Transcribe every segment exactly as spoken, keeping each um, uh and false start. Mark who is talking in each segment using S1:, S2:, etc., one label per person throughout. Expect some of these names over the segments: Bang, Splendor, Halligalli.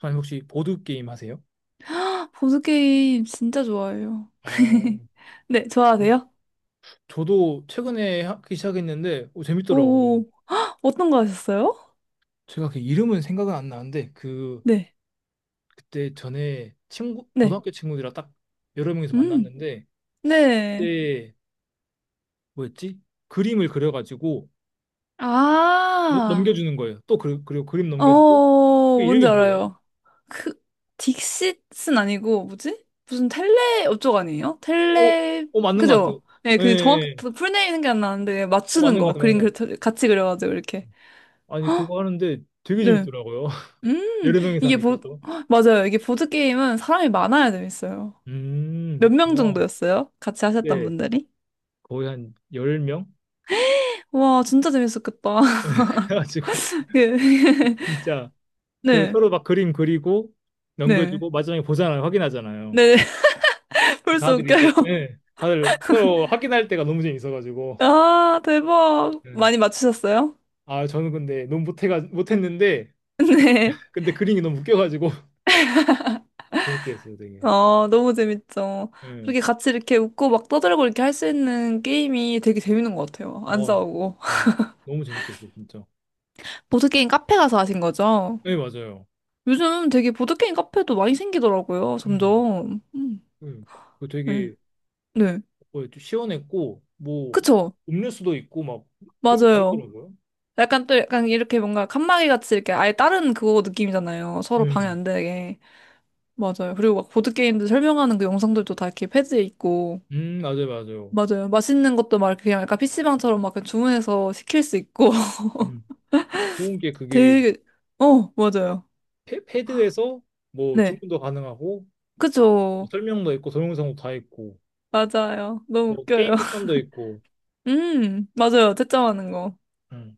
S1: 선생님 혹시 보드 게임 하세요?
S2: 보드게임 진짜 좋아해요.
S1: 어,
S2: 네, 좋아하세요?
S1: 저도 최근에 하기 시작했는데 어, 재밌더라고요.
S2: 오, 어떤 거 하셨어요?
S1: 제가 그 이름은 생각은 안 나는데 그
S2: 네,
S1: 그때 전에 친구
S2: 네,
S1: 고등학교 친구들이랑 딱 여러 명이서
S2: 음,
S1: 만났는데
S2: 네.
S1: 그때 뭐였지? 그림을 그려가지고 넘-
S2: 아,
S1: 넘겨주는 거예요. 또 그, 그리고 그림 넘겨주고
S2: 어,
S1: 그
S2: 뭔지
S1: 이름이 뭐예요?
S2: 알아요. 그, 딕싯은 아니고, 뭐지? 무슨 텔레, 어쩌고 아니에요?
S1: 어,
S2: 텔레,
S1: 어 맞는 것 같아요.
S2: 그죠? 네,
S1: 예, 예,
S2: 그 정확,
S1: 예.
S2: 풀네임은 게안 나는데,
S1: 어,
S2: 맞추는
S1: 맞는 것
S2: 거.
S1: 같아요, 맞는
S2: 그림
S1: 것
S2: 그-
S1: 같아요.
S2: 같이 그려가지고, 이렇게.
S1: 아니 그거 하는데 되게
S2: 네.
S1: 재밌더라고요.
S2: 음,
S1: 여러 명이서
S2: 이게
S1: 하니까
S2: 보,
S1: 또.
S2: 헉, 맞아요. 이게 보드게임은 사람이 많아야 재밌어요.
S1: 음,
S2: 몇 명
S1: 그렇구나.
S2: 정도였어요? 같이 하셨던
S1: 네.
S2: 분들이?
S1: 거의 한 열 명?
S2: 와, 진짜 재밌었겠다.
S1: 그래가지고
S2: 예.
S1: 진짜 그
S2: 네,
S1: 서로 막 그림 그리고
S2: 네.
S1: 넘겨주고 마지막에 보잖아요. 확인하잖아요.
S2: 네, 벌써
S1: 다들
S2: 웃겨요.
S1: 이제 예, 다들 서로 확인할 때가 너무 재밌어가지고
S2: 아, 대박.
S1: 예.
S2: 많이 맞추셨어요?
S1: 아 저는 근데 너무 못해가 못했는데
S2: 네.
S1: 근데 그림이 너무 웃겨가지고 재밌게 했어요 되게.
S2: 어, 너무 재밌죠.
S1: 예.
S2: 그렇게 같이 이렇게 웃고 막 떠들고 이렇게 할 수 있는 게임이 되게 재밌는 것 같아요. 안
S1: 어, 예.
S2: 싸우고.
S1: 너무 재밌게 했어요 진짜.
S2: 보드게임 카페 가서 하신 거죠?
S1: 네 맞아요.
S2: 요즘 되게 보드게임 카페도 많이 생기더라고요,
S1: 음.
S2: 점점. 음,
S1: 음. 그
S2: 네.
S1: 되게
S2: 네.
S1: 뭐 시원했고 뭐
S2: 그쵸?
S1: 음료수도 있고 막 별거 다
S2: 맞아요.
S1: 있더라고요.
S2: 약간 또 약간 이렇게 뭔가 칸막이 같이 이렇게 아예 다른 그거 느낌이잖아요. 서로 방해
S1: 음.
S2: 안 되게. 맞아요. 그리고 막 보드게임들 설명하는 그 영상들도 다 이렇게 패드에 있고.
S1: 음 맞아요 맞아요.
S2: 맞아요. 맛있는 것도 막 이렇게 그냥 약간 피시방처럼 막 그냥 주문해서 시킬 수 있고.
S1: 음. 좋은 게 그게
S2: 되게, 어, 맞아요.
S1: 패, 패드에서 뭐
S2: 네.
S1: 주문도 가능하고
S2: 그죠.
S1: 뭐 설명도 있고 동영상도 다 있고
S2: 맞아요. 너무
S1: 뭐
S2: 웃겨요.
S1: 게임 추천도 있고
S2: 음, 맞아요. 채점하는 거.
S1: 음.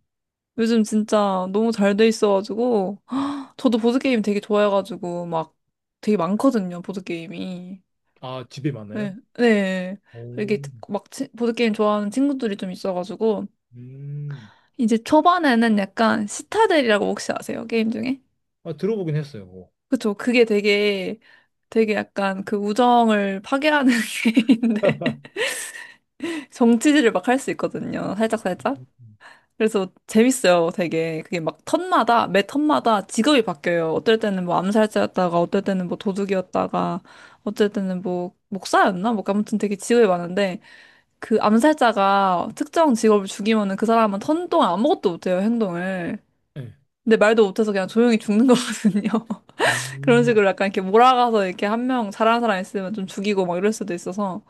S2: 요즘 진짜 너무 잘 돼 있어가지고. 저도 보드게임 되게 좋아해가지고 막 되게 많거든요. 보드게임이.
S1: 아 집에 많아요?
S2: 네, 네.
S1: 오,
S2: 이게 막 치- 보드게임 좋아하는 친구들이 좀 있어가지고,
S1: 음.
S2: 이제 초반에는 약간 시타델이라고 혹시 아세요? 게임 중에?
S1: 아 들어보긴 했어요. 그거.
S2: 그쵸. 그게 되게, 되게 약간 그 우정을 파괴하는 게임인데, 정치질을 막 할 수 있거든요. 살짝살짝. 그래서 재밌어요, 되게. 그게 막 턴마다, 매 턴마다 직업이 바뀌어요. 어떨 때는 뭐 암살자였다가, 어떨 때는 뭐 도둑이었다가, 어떨 때는 뭐 목사였나? 뭐 아무튼 되게 직업이 많은데, 그 암살자가 특정 직업을 죽이면은 그 사람은 턴 동안 아무것도 못해요, 행동을.
S1: 네.
S2: 근데 말도 못해서 그냥 조용히 죽는 거거든요. 그런
S1: 음.
S2: 식으로 약간 이렇게 몰아가서 이렇게 한 명 잘하는 사람 있으면 좀 죽이고 막 이럴 수도 있어서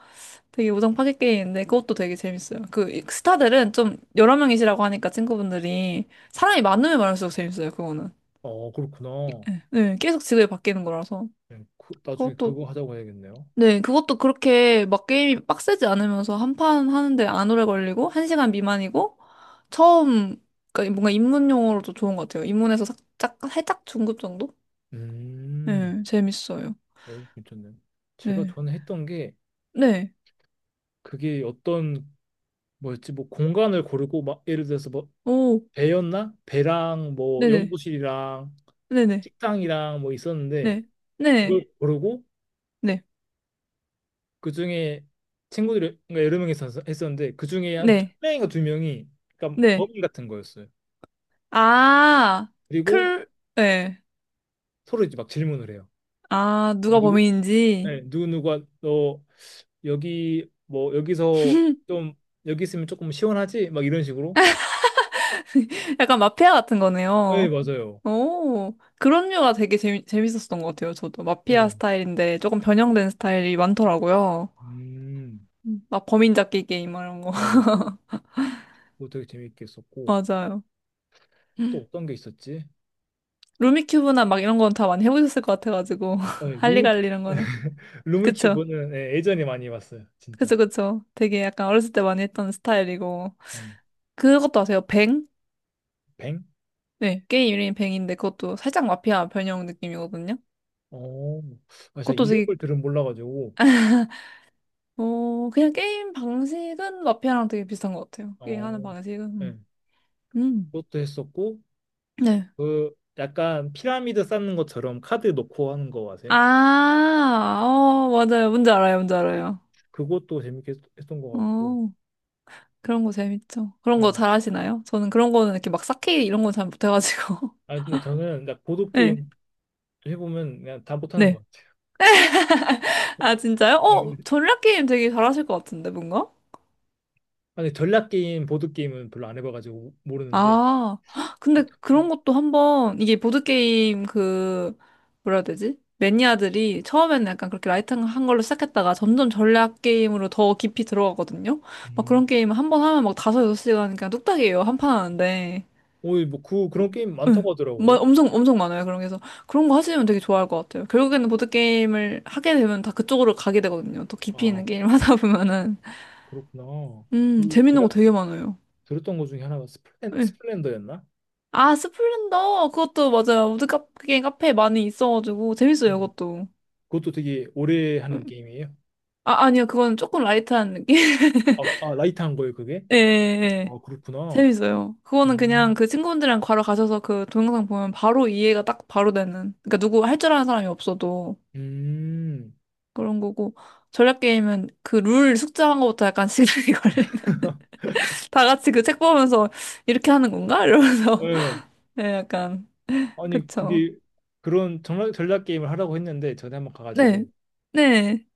S2: 되게 우정 파괴 게임인데 그것도 되게 재밌어요. 그 이- 스타들은 좀 여러 명이시라고 하니까 친구분들이 사람이 많으면 많을수록 재밌어요, 그거는.
S1: 어 그렇구나.
S2: 네, 계속 직업이 바뀌는 거라서.
S1: 네, 그- 나중에
S2: 그것도
S1: 그거 하자고 해야겠네요.
S2: 네, 그것도 그렇게 막 게임이 빡세지 않으면서 한판 하는데 안 오래 걸리고, 한 시간 미만이고, 처음, 그러니까 뭔가 입문용어로도 좋은 것 같아요. 입문에서 살짝, 살짝 중급 정도?
S1: 음.
S2: 네, 재밌어요.
S1: 오 괜찮네요. 제가
S2: 네.
S1: 전에 했던 게
S2: 네.
S1: 그게 어떤 뭐였지 뭐 공간을 고르고 막 예를 들어서 뭐
S2: 오,
S1: 배였나? 배랑 뭐
S2: 네네.
S1: 연구실이랑
S2: 네네.
S1: 식당이랑 뭐 있었는데
S2: 네. 네. 네.
S1: 그걸 고르고
S2: 네.
S1: 그중에 친구들이 그러니까 여러 명이 있었- 했었는데 그중에
S2: 네.
S1: 한 두
S2: 네.
S1: 명인가 두 명이 그러니까
S2: 네.
S1: 범인 같은 거였어요.
S2: 아,
S1: 그리고
S2: 클, 네.
S1: 서로 이제 막 질문을 해요.
S2: 아,
S1: 뭐
S2: 누가
S1: 누구
S2: 범인인지.
S1: 네, 누구 누가 너 여기 뭐 여기서 좀 여기 있으면 조금 시원하지? 막 이런 식으로.
S2: 약간 마피아 같은
S1: 네,
S2: 거네요.
S1: 맞아요.
S2: 오, 그런 류가 되게 재미, 재밌었던 것 같아요. 저도 마피아
S1: 네.
S2: 스타일인데 조금 변형된 스타일이 많더라고요.
S1: 음,
S2: 음. 막 범인 잡기 게임 막 이런 거.
S1: 맞아요. 그거 되게 재밌게 했었고
S2: 맞아요.
S1: 또 어떤 게 있었지?
S2: 루미큐브나 막 이런 건 다 많이 해보셨을 것 같아가지고.
S1: 네, 룸
S2: 할리갈리 이런 거는. 그쵸.
S1: 루미큐브는 예, 예전에 많이 봤어요, 진짜.
S2: 그쵸, 그쵸. 되게 약간 어렸을 때 많이 했던 스타일이고.
S1: 예.
S2: 그것도 아세요? 뱅?
S1: 뱅?
S2: 네. 게임 이름이 뱅인데 그것도 살짝 마피아 변형 느낌이거든요.
S1: 어, 아, 제가
S2: 그것도 되게
S1: 이름을 들은 몰라가지고,
S2: 어, 그냥 게임 방식은 마피아랑 되게 비슷한 것 같아요. 게임하는
S1: 어,
S2: 방식은. 음.
S1: 예,
S2: 음.
S1: 그것도 했었고,
S2: 네.
S1: 그 약간 피라미드 쌓는 것처럼 카드 놓고 하는 거 아세요?
S2: 아, 어, 맞아요. 뭔지 알아요. 뭔지 알아요.
S1: 그것도 재밌게 했- 했던 것 같고,
S2: 어, 그런 거 재밌죠. 그런
S1: 예.
S2: 거 잘하시나요? 저는 그런 거는 이렇게 막 쌓기 이런 건 잘 못해가지고.
S1: 아, 근데 저는 나
S2: 네.
S1: 보드게임 해보면 그냥 다 못하는 것
S2: 네.
S1: 같아요.
S2: 아, 진짜요?
S1: 아,
S2: 어,
S1: 근데,
S2: 전략 게임 되게 잘하실 것 같은데, 뭔가?
S1: 아, 근데 전략게임, 보드게임은 별로 안 해봐가지고 모르는데,
S2: 아, 헉, 근데 그런 것도 한번, 이게 보드게임 그, 뭐라 해야 되지? 매니아들이 처음에는 약간 그렇게 라이트한 걸로 시작했다가 점점 전략 게임으로 더 깊이 들어가거든요? 막
S1: 음.
S2: 그런 게임 한 번 하면 막 다섯, 여섯 시간 그냥 뚝딱이에요. 한 판 하는데.
S1: 오, 뭐 그, 그런 게임
S2: 응.
S1: 많다고
S2: 막
S1: 하더라고요.
S2: 엄청, 엄청 많아요. 그런 게. 그래서 그런 거 하시면 되게 좋아할 것 같아요. 결국에는 보드게임을 하게 되면 다 그쪽으로 가게 되거든요. 더 깊이
S1: 아,
S2: 있는 게임 하다 보면은.
S1: 그렇구나.
S2: 음,
S1: 그제
S2: 재밌는 거
S1: 가
S2: 되게 많아요.
S1: 들었던 것 중에 하나가 스플렌,
S2: 예.
S1: 스플렌더였나?
S2: 아, 스플렌더. 그것도 맞아요. 우드 카페, 카페에 많이 있어가지고. 재밌어요,
S1: 음.
S2: 그것도.
S1: 그것도 되게 오래
S2: 음.
S1: 하는 게임이에요.
S2: 아, 아니요. 그건 조금 라이트한 느낌?
S1: 아, 아, 라이트한 거예요, 그게?
S2: 예, 예, 예.
S1: 아, 그렇구나.
S2: 재밌어요. 그거는 그냥
S1: 음.
S2: 그 친구들이랑 분 바로 가셔서 그 동영상 보면 바로 이해가 딱 바로 되는. 그러니까 누구 할 줄 아는 사람이 없어도
S1: 음,
S2: 그런 거고. 전략 게임은 그 룰 숙제한 것부터 약간 시간이 걸리는. 다 같이 그 책 보면서 이렇게 하는 건가? 이러면서.
S1: 예.
S2: 네, 약간.
S1: 아니,
S2: 그쵸.
S1: 그게 그런 전략, 전략 게임을 하라고 했는데, 전에 한번
S2: 네.
S1: 가가지고,
S2: 네.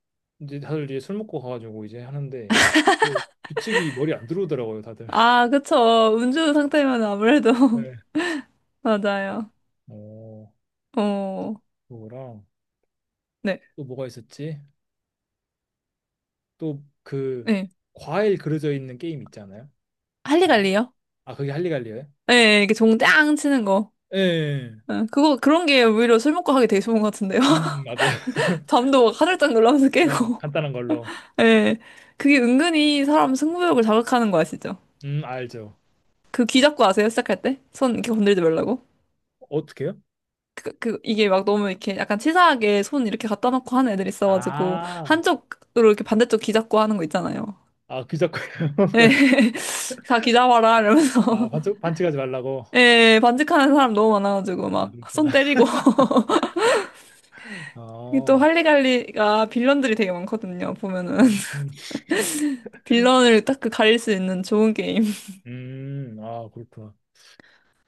S1: 이제 다들 이제 술 먹고 가가지고 이제 하는데, 그 규칙이 머리 안 들어오더라고요, 다들.
S2: 아, 그쵸. 음주 상태면 아무래도
S1: 네.
S2: 맞아요.
S1: 어,
S2: 어,
S1: 그거랑
S2: 네,
S1: 또 뭐가 있었지? 또 그
S2: 네.
S1: 과일 그려져 있는 게임 있잖아요. 뒤에?
S2: 할리갈리요?
S1: 아, 그게 할리갈리예요?
S2: 네, 이렇게 종짱 치는 거.
S1: 예.
S2: 네, 그거 그런 게 오히려 술 먹고 하기 되게 좋은 것 같은데요.
S1: 음, 맞아요.
S2: 잠도 막 화들짝 놀라면서
S1: 네,
S2: 깨고.
S1: 간단한 걸로.
S2: 네, 그게 은근히 사람 승부욕을 자극하는 거 아시죠?
S1: 음, 알죠.
S2: 그 귀 잡고 아세요? 시작할 때? 손 이렇게 건들지 말라고.
S1: 어떻게요?
S2: 그, 그, 이게 막 너무 이렇게 약간 치사하게 손 이렇게 갖다 놓고 하는 애들 있어가지고,
S1: 아,
S2: 한쪽으로 이렇게 반대쪽 귀 잡고 하는 거 있잖아요.
S1: 아, 귀잡고 요
S2: 예. 다 귀 잡아라,
S1: 아,
S2: 이러면서.
S1: 반칙, 반칙하지 말라고.
S2: 예, 예, 반직하는 사람 너무 많아가지고
S1: 아,
S2: 막
S1: 그렇구나.
S2: 손 때리고 이게 또
S1: 어,
S2: 할리갈리가 빌런들이 되게 많거든요. 보면은
S1: 음, 음,
S2: 빌런을 딱 그 가릴 수 있는 좋은 게임.
S1: 음, 아, 그렇구나.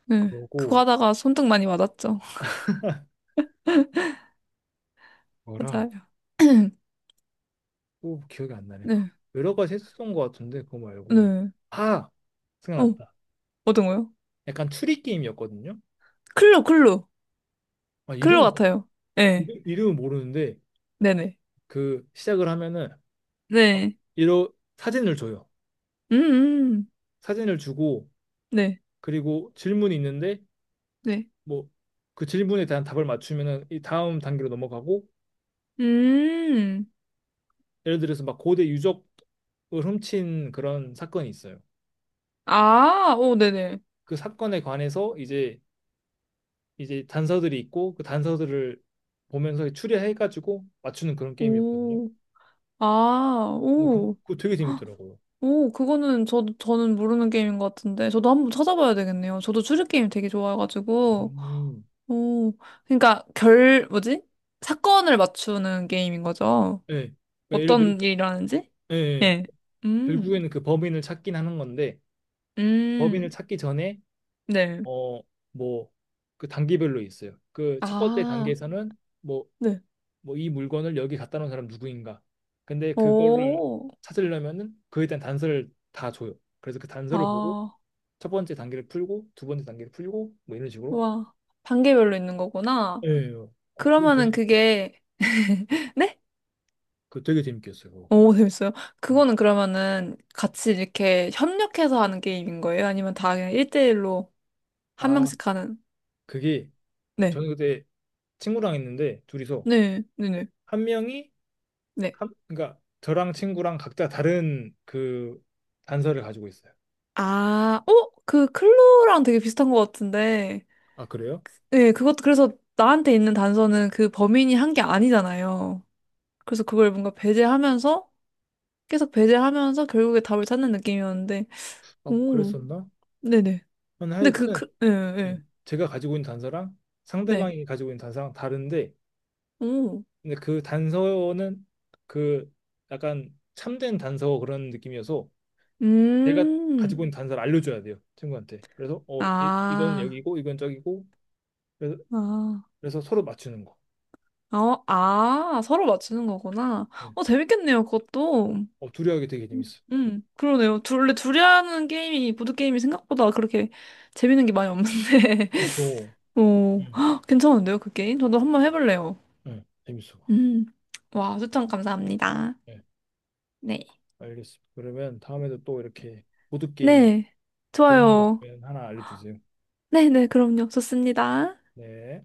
S2: 네, 그거
S1: 그러고,
S2: 하다가 손등 많이 맞았죠.
S1: 뭐랑,
S2: 맞아요.
S1: 또 기억이 안 나네. 그
S2: 네,
S1: 여러 가지 했었던 것 같은데, 그거 말고.
S2: 네.
S1: 아,
S2: 어,
S1: 생각났다.
S2: 어떤 거요?
S1: 약간 추리 게임이었거든요.
S2: 클로, 클로,
S1: 아,
S2: 클로
S1: 이름이,
S2: 같아요. 예,
S1: 이름, 이름은 모르는데,
S2: 네네,
S1: 그, 시작을 하면은,
S2: 네,
S1: 이러, 사진을 줘요.
S2: 음, 음.
S1: 사진을 주고,
S2: 네,
S1: 그리고 질문이 있는데,
S2: 네,
S1: 뭐 그 질문에 대한 답을 맞추면은 이 다음 단계로 넘어가고
S2: 음,
S1: 예를 들어서 막 고대 유적을 훔친 그런 사건이 있어요.
S2: 아, 오, 네네,
S1: 그 사건에 관해서 이제 이제 단서들이 있고 그 단서들을 보면서 추리해가지고 맞추는 그런 게임이었거든요.
S2: 오, 아,
S1: 근데 그거,
S2: 오.
S1: 그거 되게 재밌더라고요.
S2: 오, 그거는 저도, 저는 모르는 게임인 것 같은데. 저도 한번 찾아봐야 되겠네요. 저도 추리게임 되게 좋아해가지고.
S1: 음.
S2: 오, 그러니까 결, 뭐지? 사건을 맞추는 게임인 거죠.
S1: 예. 그러니까 예를 들어
S2: 어떤 일이 일어나는지?
S1: 예. 예.
S2: 예. 음,
S1: 결국에는 그 범인을 찾긴 하는 건데 범인을
S2: 음,
S1: 찾기 전에
S2: 네.
S1: 어 뭐 그 단계별로 있어요. 그 첫 번째
S2: 아,
S1: 단계에서는 뭐
S2: 네.
S1: 뭐 이 물건을 여기 갖다 놓은 사람 누구인가. 근데 그거를
S2: 오,
S1: 찾으려면은 그에 대한 단서를 다 줘요. 그래서 그 단서를 보고
S2: 아,
S1: 첫 번째 단계를 풀고 두 번째 단계를 풀고 뭐 이런 식으로.
S2: 와. 단계별로 있는 거구나.
S1: 예. 어, 그건 되게
S2: 그러면은 그게, 네?
S1: 그 되게 재밌겠어요. 그거.
S2: 오, 재밌어요.
S1: 음.
S2: 그거는 그러면은 같이 이렇게 협력해서 하는 게임인 거예요? 아니면 다 그냥 일 대일로 한
S1: 아,
S2: 명씩 하는?
S1: 그게
S2: 네.
S1: 저는 그때 친구랑 있는데 둘이서
S2: 네, 네, 네.
S1: 한 명이
S2: 네.
S1: 한 그러니까 저랑 친구랑 각자 다른 그 단서를 가지고 있어요.
S2: 아, 어? 그 클로랑 되게 비슷한 것 같은데.
S1: 아, 그래요?
S2: 네, 그것도 그래서 나한테 있는 단서는 그 범인이 한 게 아니잖아요. 그래서 그걸 뭔가 배제하면서, 계속 배제하면서 결국에 답을 찾는 느낌이었는데.
S1: 아,
S2: 오,
S1: 그랬었나?
S2: 네네. 근데 그,
S1: 하여튼
S2: 그, 예,
S1: 네.
S2: 네.
S1: 제가 가지고 있는 단서랑
S2: 네. 네.
S1: 상대방이 가지고 있는 단서랑 다른데
S2: 오.
S1: 근데 그 단서는 그 약간 참된 단서 그런 느낌이어서 제가
S2: 음.
S1: 가지고 있는 단서를 알려줘야 돼요 친구한테 그래서 어 이, 이건
S2: 아.
S1: 여기고 이건 저기고 그래서,
S2: 아.
S1: 그래서 서로 맞추는 거
S2: 어, 아, 서로 맞추는 거구나.
S1: 예.
S2: 어, 재밌겠네요, 그것도. 음.
S1: 어 둘이 하기 되게 재밌어
S2: 음, 그러네요. 둘, 원래 둘이 하는 게임이, 보드게임이 생각보다 그렇게 재밌는 게 많이 없는데.
S1: 그쵸.
S2: 오,
S1: 응.
S2: 헉, 괜찮은데요, 그 게임? 저도 한번 해볼래요.
S1: 예. 재밌어
S2: 음, 와, 추천 감사합니다.
S1: 예,
S2: 네.
S1: 알겠습니다 그러면 다음에도 또 이렇게 보드게임
S2: 네,
S1: 재밌는 게
S2: 좋아요.
S1: 있으면 하나 알려주세요
S2: 네네, 그럼요. 좋습니다.
S1: 네